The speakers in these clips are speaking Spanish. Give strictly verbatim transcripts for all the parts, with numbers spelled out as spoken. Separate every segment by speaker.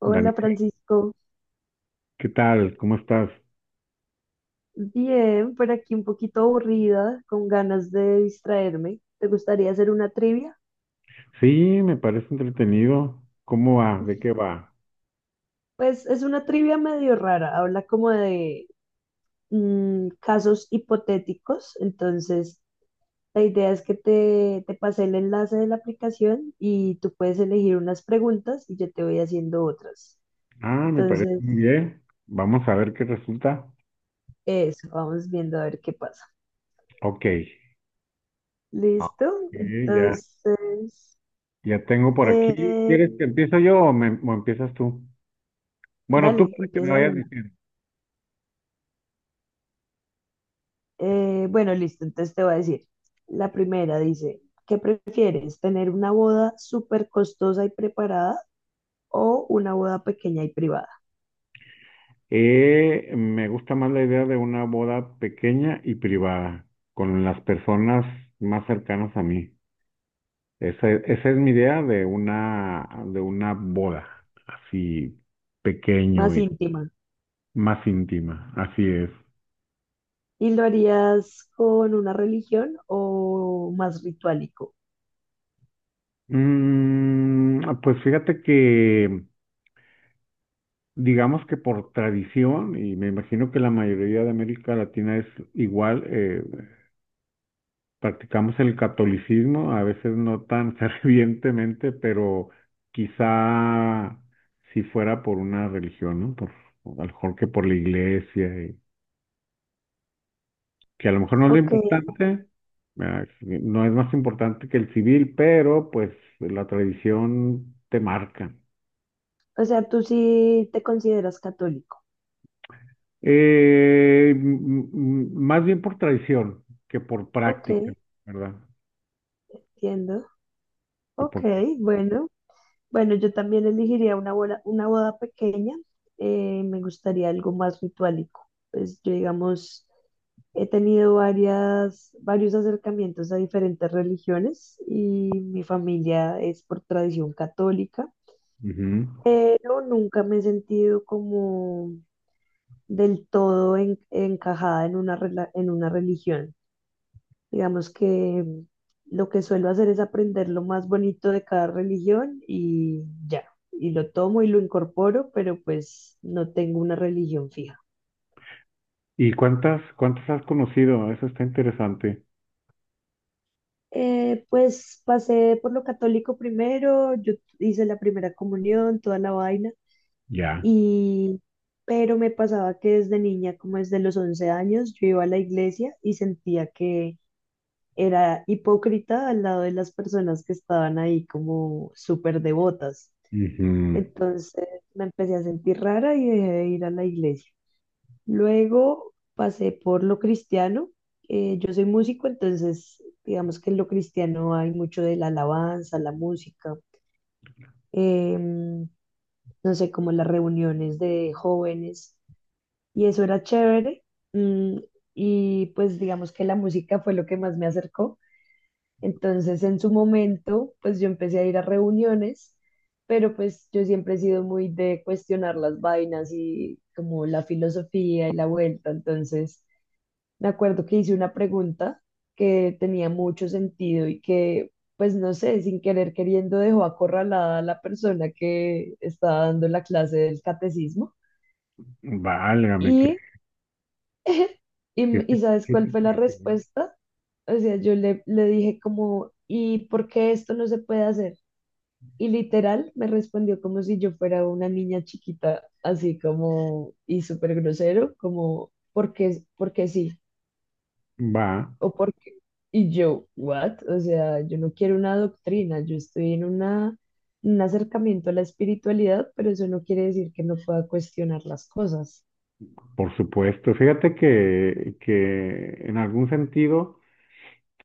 Speaker 1: Hola,
Speaker 2: Daniel,
Speaker 1: Francisco,
Speaker 2: ¿qué tal? ¿Cómo estás?
Speaker 1: bien, por aquí un poquito aburrida, con ganas de distraerme. ¿Te gustaría hacer una trivia?
Speaker 2: Sí, me parece entretenido. ¿Cómo va? ¿De qué va?
Speaker 1: Pues es una trivia medio rara, habla como de mm, casos hipotéticos, entonces la idea es que te, te pase el enlace de la aplicación y tú puedes elegir unas preguntas y yo te voy haciendo otras.
Speaker 2: Ah, me parece
Speaker 1: Entonces,
Speaker 2: muy bien. Vamos a ver qué resulta.
Speaker 1: eso, vamos viendo a ver qué pasa.
Speaker 2: Ok. Ah,
Speaker 1: ¿Listo?
Speaker 2: sí, ya,
Speaker 1: Entonces,
Speaker 2: ya tengo por aquí.
Speaker 1: eh,
Speaker 2: ¿Quieres que empiezo yo o, me- o empiezas tú? Bueno, tú
Speaker 1: dale,
Speaker 2: para que me
Speaker 1: empieza de
Speaker 2: vayas
Speaker 1: una.
Speaker 2: diciendo.
Speaker 1: Eh, bueno, listo, entonces te voy a decir. La primera dice, ¿qué prefieres? ¿Tener una boda súper costosa y preparada o una boda pequeña y privada?
Speaker 2: Eh, me gusta más la idea de una boda pequeña y privada, con las personas más cercanas a mí. Esa, esa es mi idea de una, de una boda, así pequeño
Speaker 1: Más
Speaker 2: y
Speaker 1: íntima.
Speaker 2: más íntima, así es.
Speaker 1: ¿Y lo harías con una religión o más ritualico?
Speaker 2: Mm, pues fíjate que, digamos que por tradición, y me imagino que la mayoría de América Latina es igual, eh, practicamos el catolicismo, a veces no tan fervientemente, pero quizá si fuera por una religión, ¿no? Por, a lo mejor que por la iglesia. Que a lo mejor no es lo
Speaker 1: Ok,
Speaker 2: importante, ¿verdad? No es más importante que el civil, pero pues la tradición te marca.
Speaker 1: o sea, ¿tú sí te consideras católico?
Speaker 2: Eh, m- m- más bien por tradición que por
Speaker 1: Ok,
Speaker 2: práctica, ¿verdad?
Speaker 1: entiendo.
Speaker 2: Que
Speaker 1: Ok,
Speaker 2: por práctica.
Speaker 1: bueno, bueno, yo también elegiría una boda, una boda pequeña. Eh, me gustaría algo más ritualico. Pues yo, digamos, he tenido varias, varios acercamientos a diferentes religiones y mi familia es por tradición católica,
Speaker 2: Ujú.
Speaker 1: pero nunca me he sentido como del todo en- encajada en una, rela- en una religión. Digamos que lo que suelo hacer es aprender lo más bonito de cada religión y ya, y lo tomo y lo incorporo, pero pues no tengo una religión fija.
Speaker 2: ¿Y cuántas, cuántas has conocido? Eso está interesante.
Speaker 1: Eh, pues pasé por lo católico primero, yo hice la primera comunión, toda la vaina,
Speaker 2: Ya.
Speaker 1: y pero me pasaba que desde niña, como desde los once años, yo iba a la iglesia y sentía que era hipócrita al lado de las personas que estaban ahí como súper devotas.
Speaker 2: Ujú.
Speaker 1: Entonces me empecé a sentir rara y dejé de ir a la iglesia. Luego pasé por lo cristiano. Eh, yo soy músico, entonces digamos que en lo cristiano hay mucho de la alabanza, la música, em, no sé, como las reuniones de jóvenes. Y eso era chévere. mm, y pues digamos que la música fue lo que más me acercó. Entonces, en su momento, pues yo empecé a ir a reuniones, pero pues yo siempre he sido muy de cuestionar las vainas y como la filosofía y la vuelta. Entonces, me acuerdo que hice una pregunta que tenía mucho sentido y que, pues no sé, sin querer queriendo dejó acorralada a la persona que estaba dando la clase del catecismo.
Speaker 2: Válgame, que,
Speaker 1: Y,
Speaker 2: que,
Speaker 1: y, y ¿sabes
Speaker 2: que-
Speaker 1: cuál
Speaker 2: que-
Speaker 1: fue la
Speaker 2: que-
Speaker 1: respuesta? O sea, yo le, le dije como, ¿y por qué esto no se puede hacer? Y literal me respondió como si yo fuera una niña chiquita, así como, y súper grosero, como, porque, porque sí,
Speaker 2: va,
Speaker 1: o porque, y yo, what? O sea, yo no quiero una doctrina, yo estoy en una, un acercamiento a la espiritualidad, pero eso no quiere decir que no pueda cuestionar las cosas.
Speaker 2: por supuesto. Fíjate que, que en algún sentido.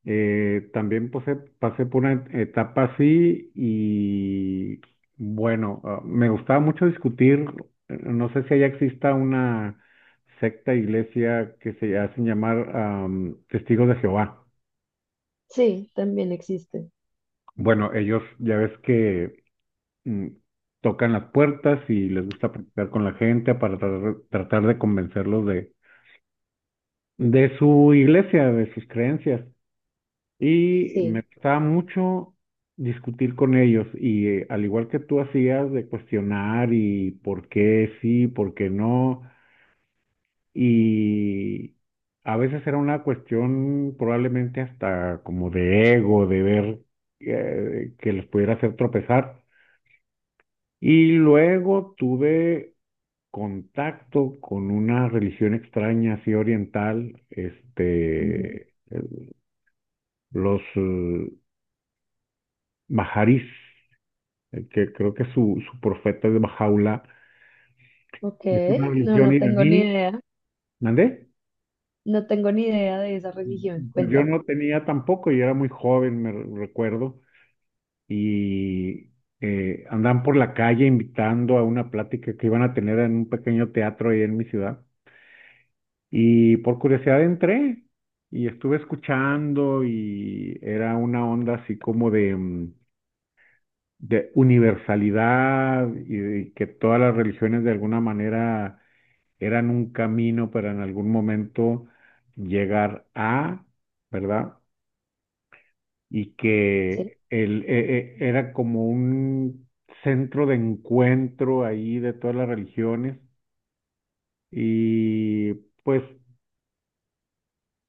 Speaker 2: Eh, también pasé, pasé por una etapa así y bueno, ah, me gustaba mucho discutir, eh, no sé si allá exista una secta, iglesia que se hacen llamar am, Testigos de Jehová.
Speaker 1: Sí, también existe.
Speaker 2: Bueno, ellos ya ves que mm, tocan las puertas y les gusta platicar con la gente para tratar, tratar de convencerlos de, de su iglesia, de sus creencias. Y me
Speaker 1: Sí.
Speaker 2: gustaba mucho discutir con ellos y eh, al igual que tú hacías de cuestionar y por qué sí, por qué no, y a veces era una cuestión probablemente hasta como de ego, de ver eh, que les pudiera hacer tropezar. Y luego tuve contacto con una religión extraña, así oriental,
Speaker 1: Ujú.
Speaker 2: este, los eh, bajarís. Eh, que creo que su, su profeta es Bajaula,
Speaker 1: Ok.
Speaker 2: es una
Speaker 1: No,
Speaker 2: religión
Speaker 1: no tengo ni
Speaker 2: iraní.
Speaker 1: idea.
Speaker 2: ¿Mandé?
Speaker 1: No tengo ni idea de esa religión,
Speaker 2: Pues yo
Speaker 1: cuéntame.
Speaker 2: no tenía tampoco, yo era muy joven, me re- recuerdo, y eh, andaban por la calle invitando a una plática que iban a tener en un pequeño teatro ahí en mi ciudad, y por curiosidad entré y estuve escuchando y era una onda así como de... mm, de universalidad y de que todas las religiones de alguna manera eran un camino para en algún momento llegar a, ¿verdad? Y
Speaker 1: Sí.
Speaker 2: que el, e- e- era como un centro de encuentro ahí de todas las religiones y pues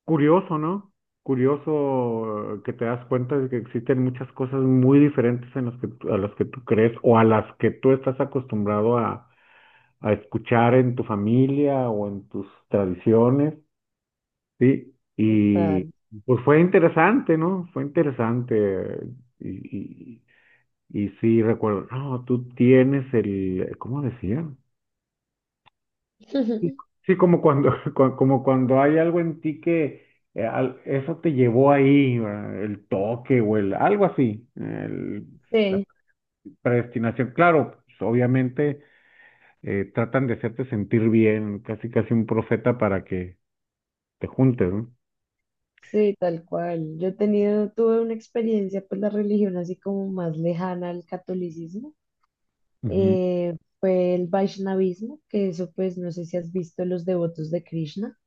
Speaker 2: curioso, ¿no? Curioso, eh, que te das cuenta de que existen muchas cosas muy diferentes en las que, tú- a las que tú crees o a las que tú estás acostumbrado a, a escuchar en tu familia o en tus tradiciones. Sí, y
Speaker 1: Total.
Speaker 2: pues fue interesante, ¿no? Fue interesante. Y, y, y sí, recuerdo, no, tú tienes el, ¿cómo decían? Sí, sí, como cuando cua- como cuando hay algo en ti que eh, al- eso te llevó ahí, ¿verdad? El toque o el, algo así, el- la
Speaker 1: Sí,
Speaker 2: predestinación. Claro, pues, obviamente eh, tratan de hacerte sentir bien, casi casi un profeta para que te juntes, ¿no?
Speaker 1: sí, tal cual. Yo he tenido, tuve una experiencia, pues la religión así como más lejana al catolicismo,
Speaker 2: Ujú.
Speaker 1: eh, fue el Vaishnavismo, que eso pues no sé si has visto los devotos de Krishna.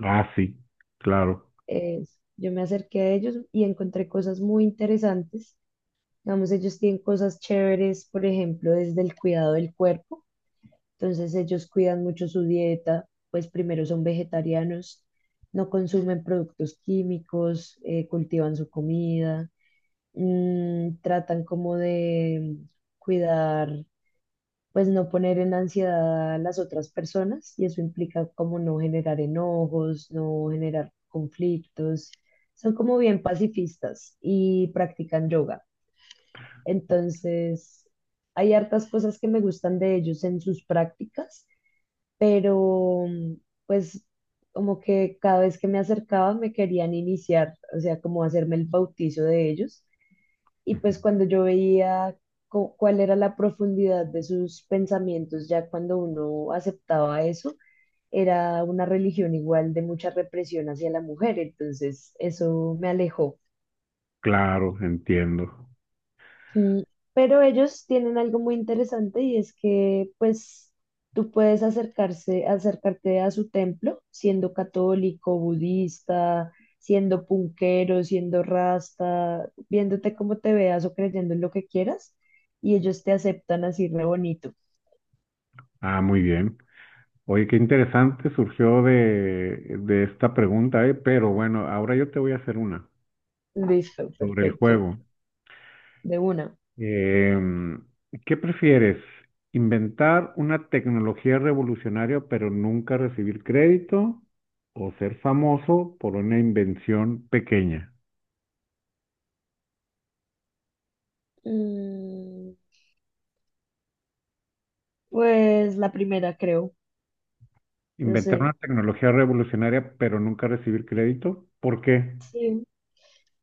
Speaker 2: Ah, sí, claro.
Speaker 1: Eh, yo me acerqué a ellos y encontré cosas muy interesantes. Digamos, ellos tienen cosas chéveres, por ejemplo, desde el cuidado del cuerpo. Entonces ellos cuidan mucho su dieta, pues primero son vegetarianos, no consumen productos químicos, eh, cultivan su comida, mm, tratan como de cuidar, pues no poner en ansiedad a las otras personas y eso implica como no generar enojos, no generar conflictos. Son como bien pacifistas y practican yoga. Entonces, hay hartas cosas que me gustan de ellos en sus prácticas, pero mm, pues como que cada vez que me acercaba me querían iniciar, o sea, como hacerme el bautizo de ellos. Y
Speaker 2: Ujú.
Speaker 1: pues cuando yo veía cu- cuál era la profundidad de sus pensamientos, ya cuando uno aceptaba eso, era una religión igual de mucha represión hacia la mujer. Entonces eso me alejó.
Speaker 2: Claro, entiendo.
Speaker 1: Mm, Pero ellos tienen algo muy interesante y es que pues tú puedes acercarse, acercarte a su templo siendo católico, budista, siendo punquero, siendo rasta, viéndote como te veas o creyendo en lo que quieras y ellos te aceptan así re bonito.
Speaker 2: Ah, muy bien. Oye, qué interesante surgió de, de esta pregunta, ¿eh? Pero bueno, ahora yo te voy a hacer una
Speaker 1: Listo,
Speaker 2: sobre el
Speaker 1: perfecto,
Speaker 2: juego.
Speaker 1: de una.
Speaker 2: Em, ¿Qué prefieres? ¿Inventar una tecnología revolucionaria pero nunca recibir crédito? ¿O ser famoso por una invención pequeña?
Speaker 1: Mm, Pues la primera creo, no
Speaker 2: ¿Inventar
Speaker 1: sé.
Speaker 2: una tecnología revolucionaria pero nunca recibir crédito? ¿Por qué?
Speaker 1: Sí.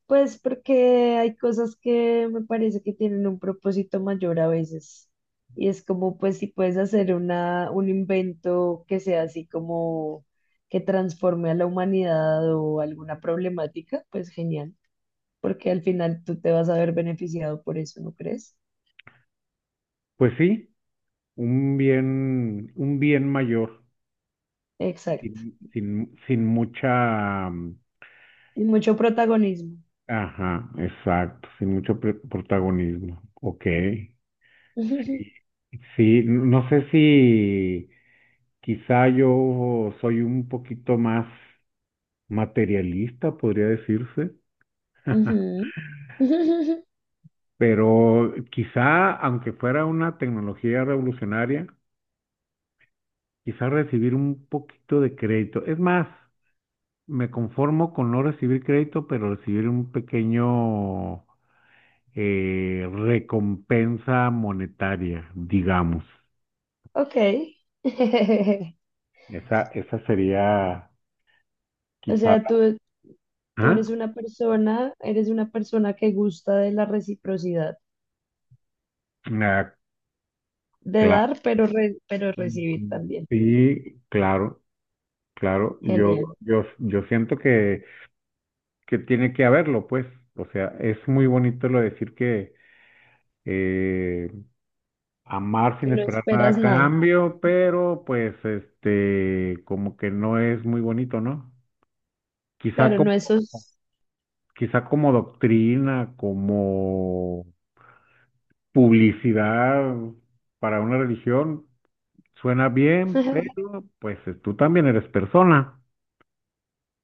Speaker 1: Pues porque hay cosas que me parece que tienen un propósito mayor a veces. Y es como, pues, si puedes hacer una, un invento que sea así como que transforme a la humanidad o alguna problemática, pues genial, porque al final tú te vas a ver beneficiado por eso, ¿no crees?
Speaker 2: Pues sí, un bien, un bien mayor.
Speaker 1: Exacto.
Speaker 2: Sin, sin, sin mucha, mm,
Speaker 1: Y mucho protagonismo.
Speaker 2: ajá, exacto, sin mucho pre- protagonismo. Ok, sí, sí, no sé si quizá yo soy un poquito más materialista, podría decirse,
Speaker 1: Ujú.
Speaker 2: pero quizá, aunque fuera una tecnología revolucionaria, quizá recibir un poquito de crédito. Es más, me conformo con no recibir crédito, pero recibir un pequeño eh, recompensa monetaria, digamos.
Speaker 1: Ok.
Speaker 2: Esa, esa sería
Speaker 1: O
Speaker 2: quizá
Speaker 1: sea,
Speaker 2: la...
Speaker 1: tú, Tú
Speaker 2: ¿Ah?
Speaker 1: eres una persona, eres una persona que gusta de la reciprocidad,
Speaker 2: Ah,
Speaker 1: de
Speaker 2: cla-
Speaker 1: dar, pero, re- pero recibir también.
Speaker 2: sí, claro, claro. Yo,
Speaker 1: Genial.
Speaker 2: yo, yo siento que, que tiene que haberlo, pues. O sea, es muy bonito lo de decir que eh, amar
Speaker 1: Que
Speaker 2: sin
Speaker 1: no
Speaker 2: esperar nada
Speaker 1: esperas
Speaker 2: a
Speaker 1: nada.
Speaker 2: cambio, pero pues este, como que no es muy bonito, ¿no? Quizá
Speaker 1: Claro,
Speaker 2: como
Speaker 1: no esos.
Speaker 2: quizá como doctrina, como publicidad para una religión, suena bien, pero pues eh, tú también eres persona,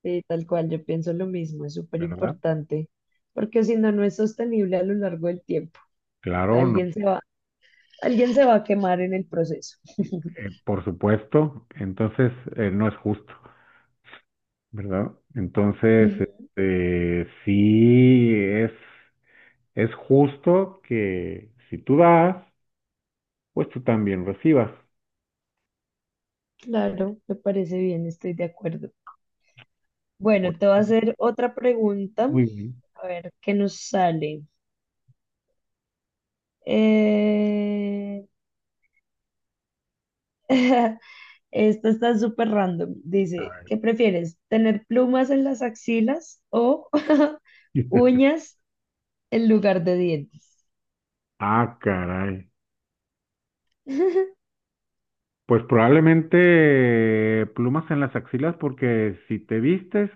Speaker 1: Sí, tal cual, yo pienso lo mismo, es súper
Speaker 2: ¿verdad?
Speaker 1: importante, porque si no, no es sostenible a lo largo del tiempo.
Speaker 2: Claro, no,
Speaker 1: Alguien se va, alguien se va a quemar en el proceso.
Speaker 2: eh, por supuesto, entonces eh, no es justo, ¿verdad? Entonces,
Speaker 1: Ujú,
Speaker 2: este, sí es, es justo que si tú das, pues tú también recibas.
Speaker 1: claro, me parece bien, estoy de acuerdo. Bueno,
Speaker 2: Pues,
Speaker 1: te voy a hacer otra pregunta,
Speaker 2: muy bien.
Speaker 1: a ver qué nos sale. Eh, esto está súper random.
Speaker 2: A
Speaker 1: Dice,
Speaker 2: ver.
Speaker 1: ¿qué prefieres? ¿Tener plumas en las axilas o uñas en lugar de dientes?
Speaker 2: Ah, caray. Pues probablemente plumas en las axilas porque si te vistes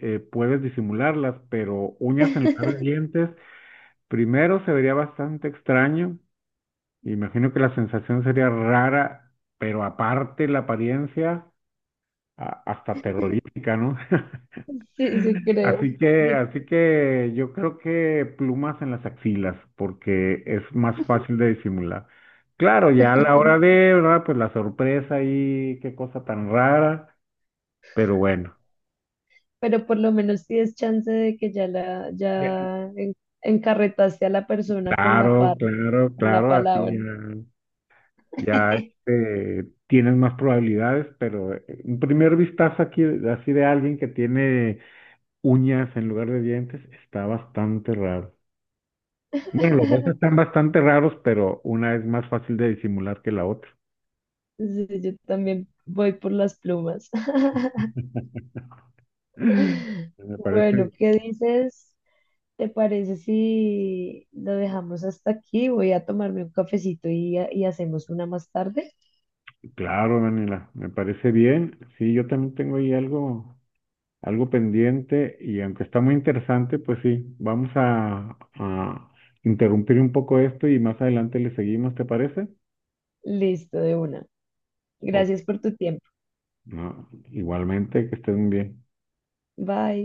Speaker 2: eh, puedes disimularlas, pero uñas en lugar de dientes, primero se vería bastante extraño. Imagino que la sensación sería rara, pero aparte la apariencia a- hasta terrorífica, ¿no?
Speaker 1: Sí, sí, creo.
Speaker 2: Así que,
Speaker 1: Yo-
Speaker 2: así que yo creo que plumas en las axilas porque es más fácil de disimular. Claro, ya a la hora de, ¿verdad? Pues la sorpresa y qué cosa tan rara. Pero bueno,
Speaker 1: pero por lo menos tienes chance de que ya la,
Speaker 2: De-
Speaker 1: ya en- encarretaste a la persona con la
Speaker 2: claro,
Speaker 1: parla,
Speaker 2: claro,
Speaker 1: con la
Speaker 2: claro, así
Speaker 1: palabra.
Speaker 2: ya, ya este, tienes más probabilidades, pero eh, un primer vistazo aquí, así de alguien que tiene uñas en lugar de dientes, está bastante raro. Bueno, los dos están bastante raros, pero una es más fácil de disimular que la otra.
Speaker 1: Sí, yo también voy por las plumas.
Speaker 2: Me
Speaker 1: Bueno,
Speaker 2: parece,
Speaker 1: ¿qué dices? ¿Te parece si lo dejamos hasta aquí? Voy a tomarme un cafecito y, y hacemos una más tarde.
Speaker 2: claro, Daniela, me parece bien. Sí, yo también tengo ahí algo. algo pendiente y aunque está muy interesante, pues sí, vamos a, a interrumpir un poco esto y más adelante le seguimos, ¿te parece?
Speaker 1: Listo, de una.
Speaker 2: O-
Speaker 1: Gracias por tu tiempo.
Speaker 2: no, igualmente, que estén bien.
Speaker 1: Bye.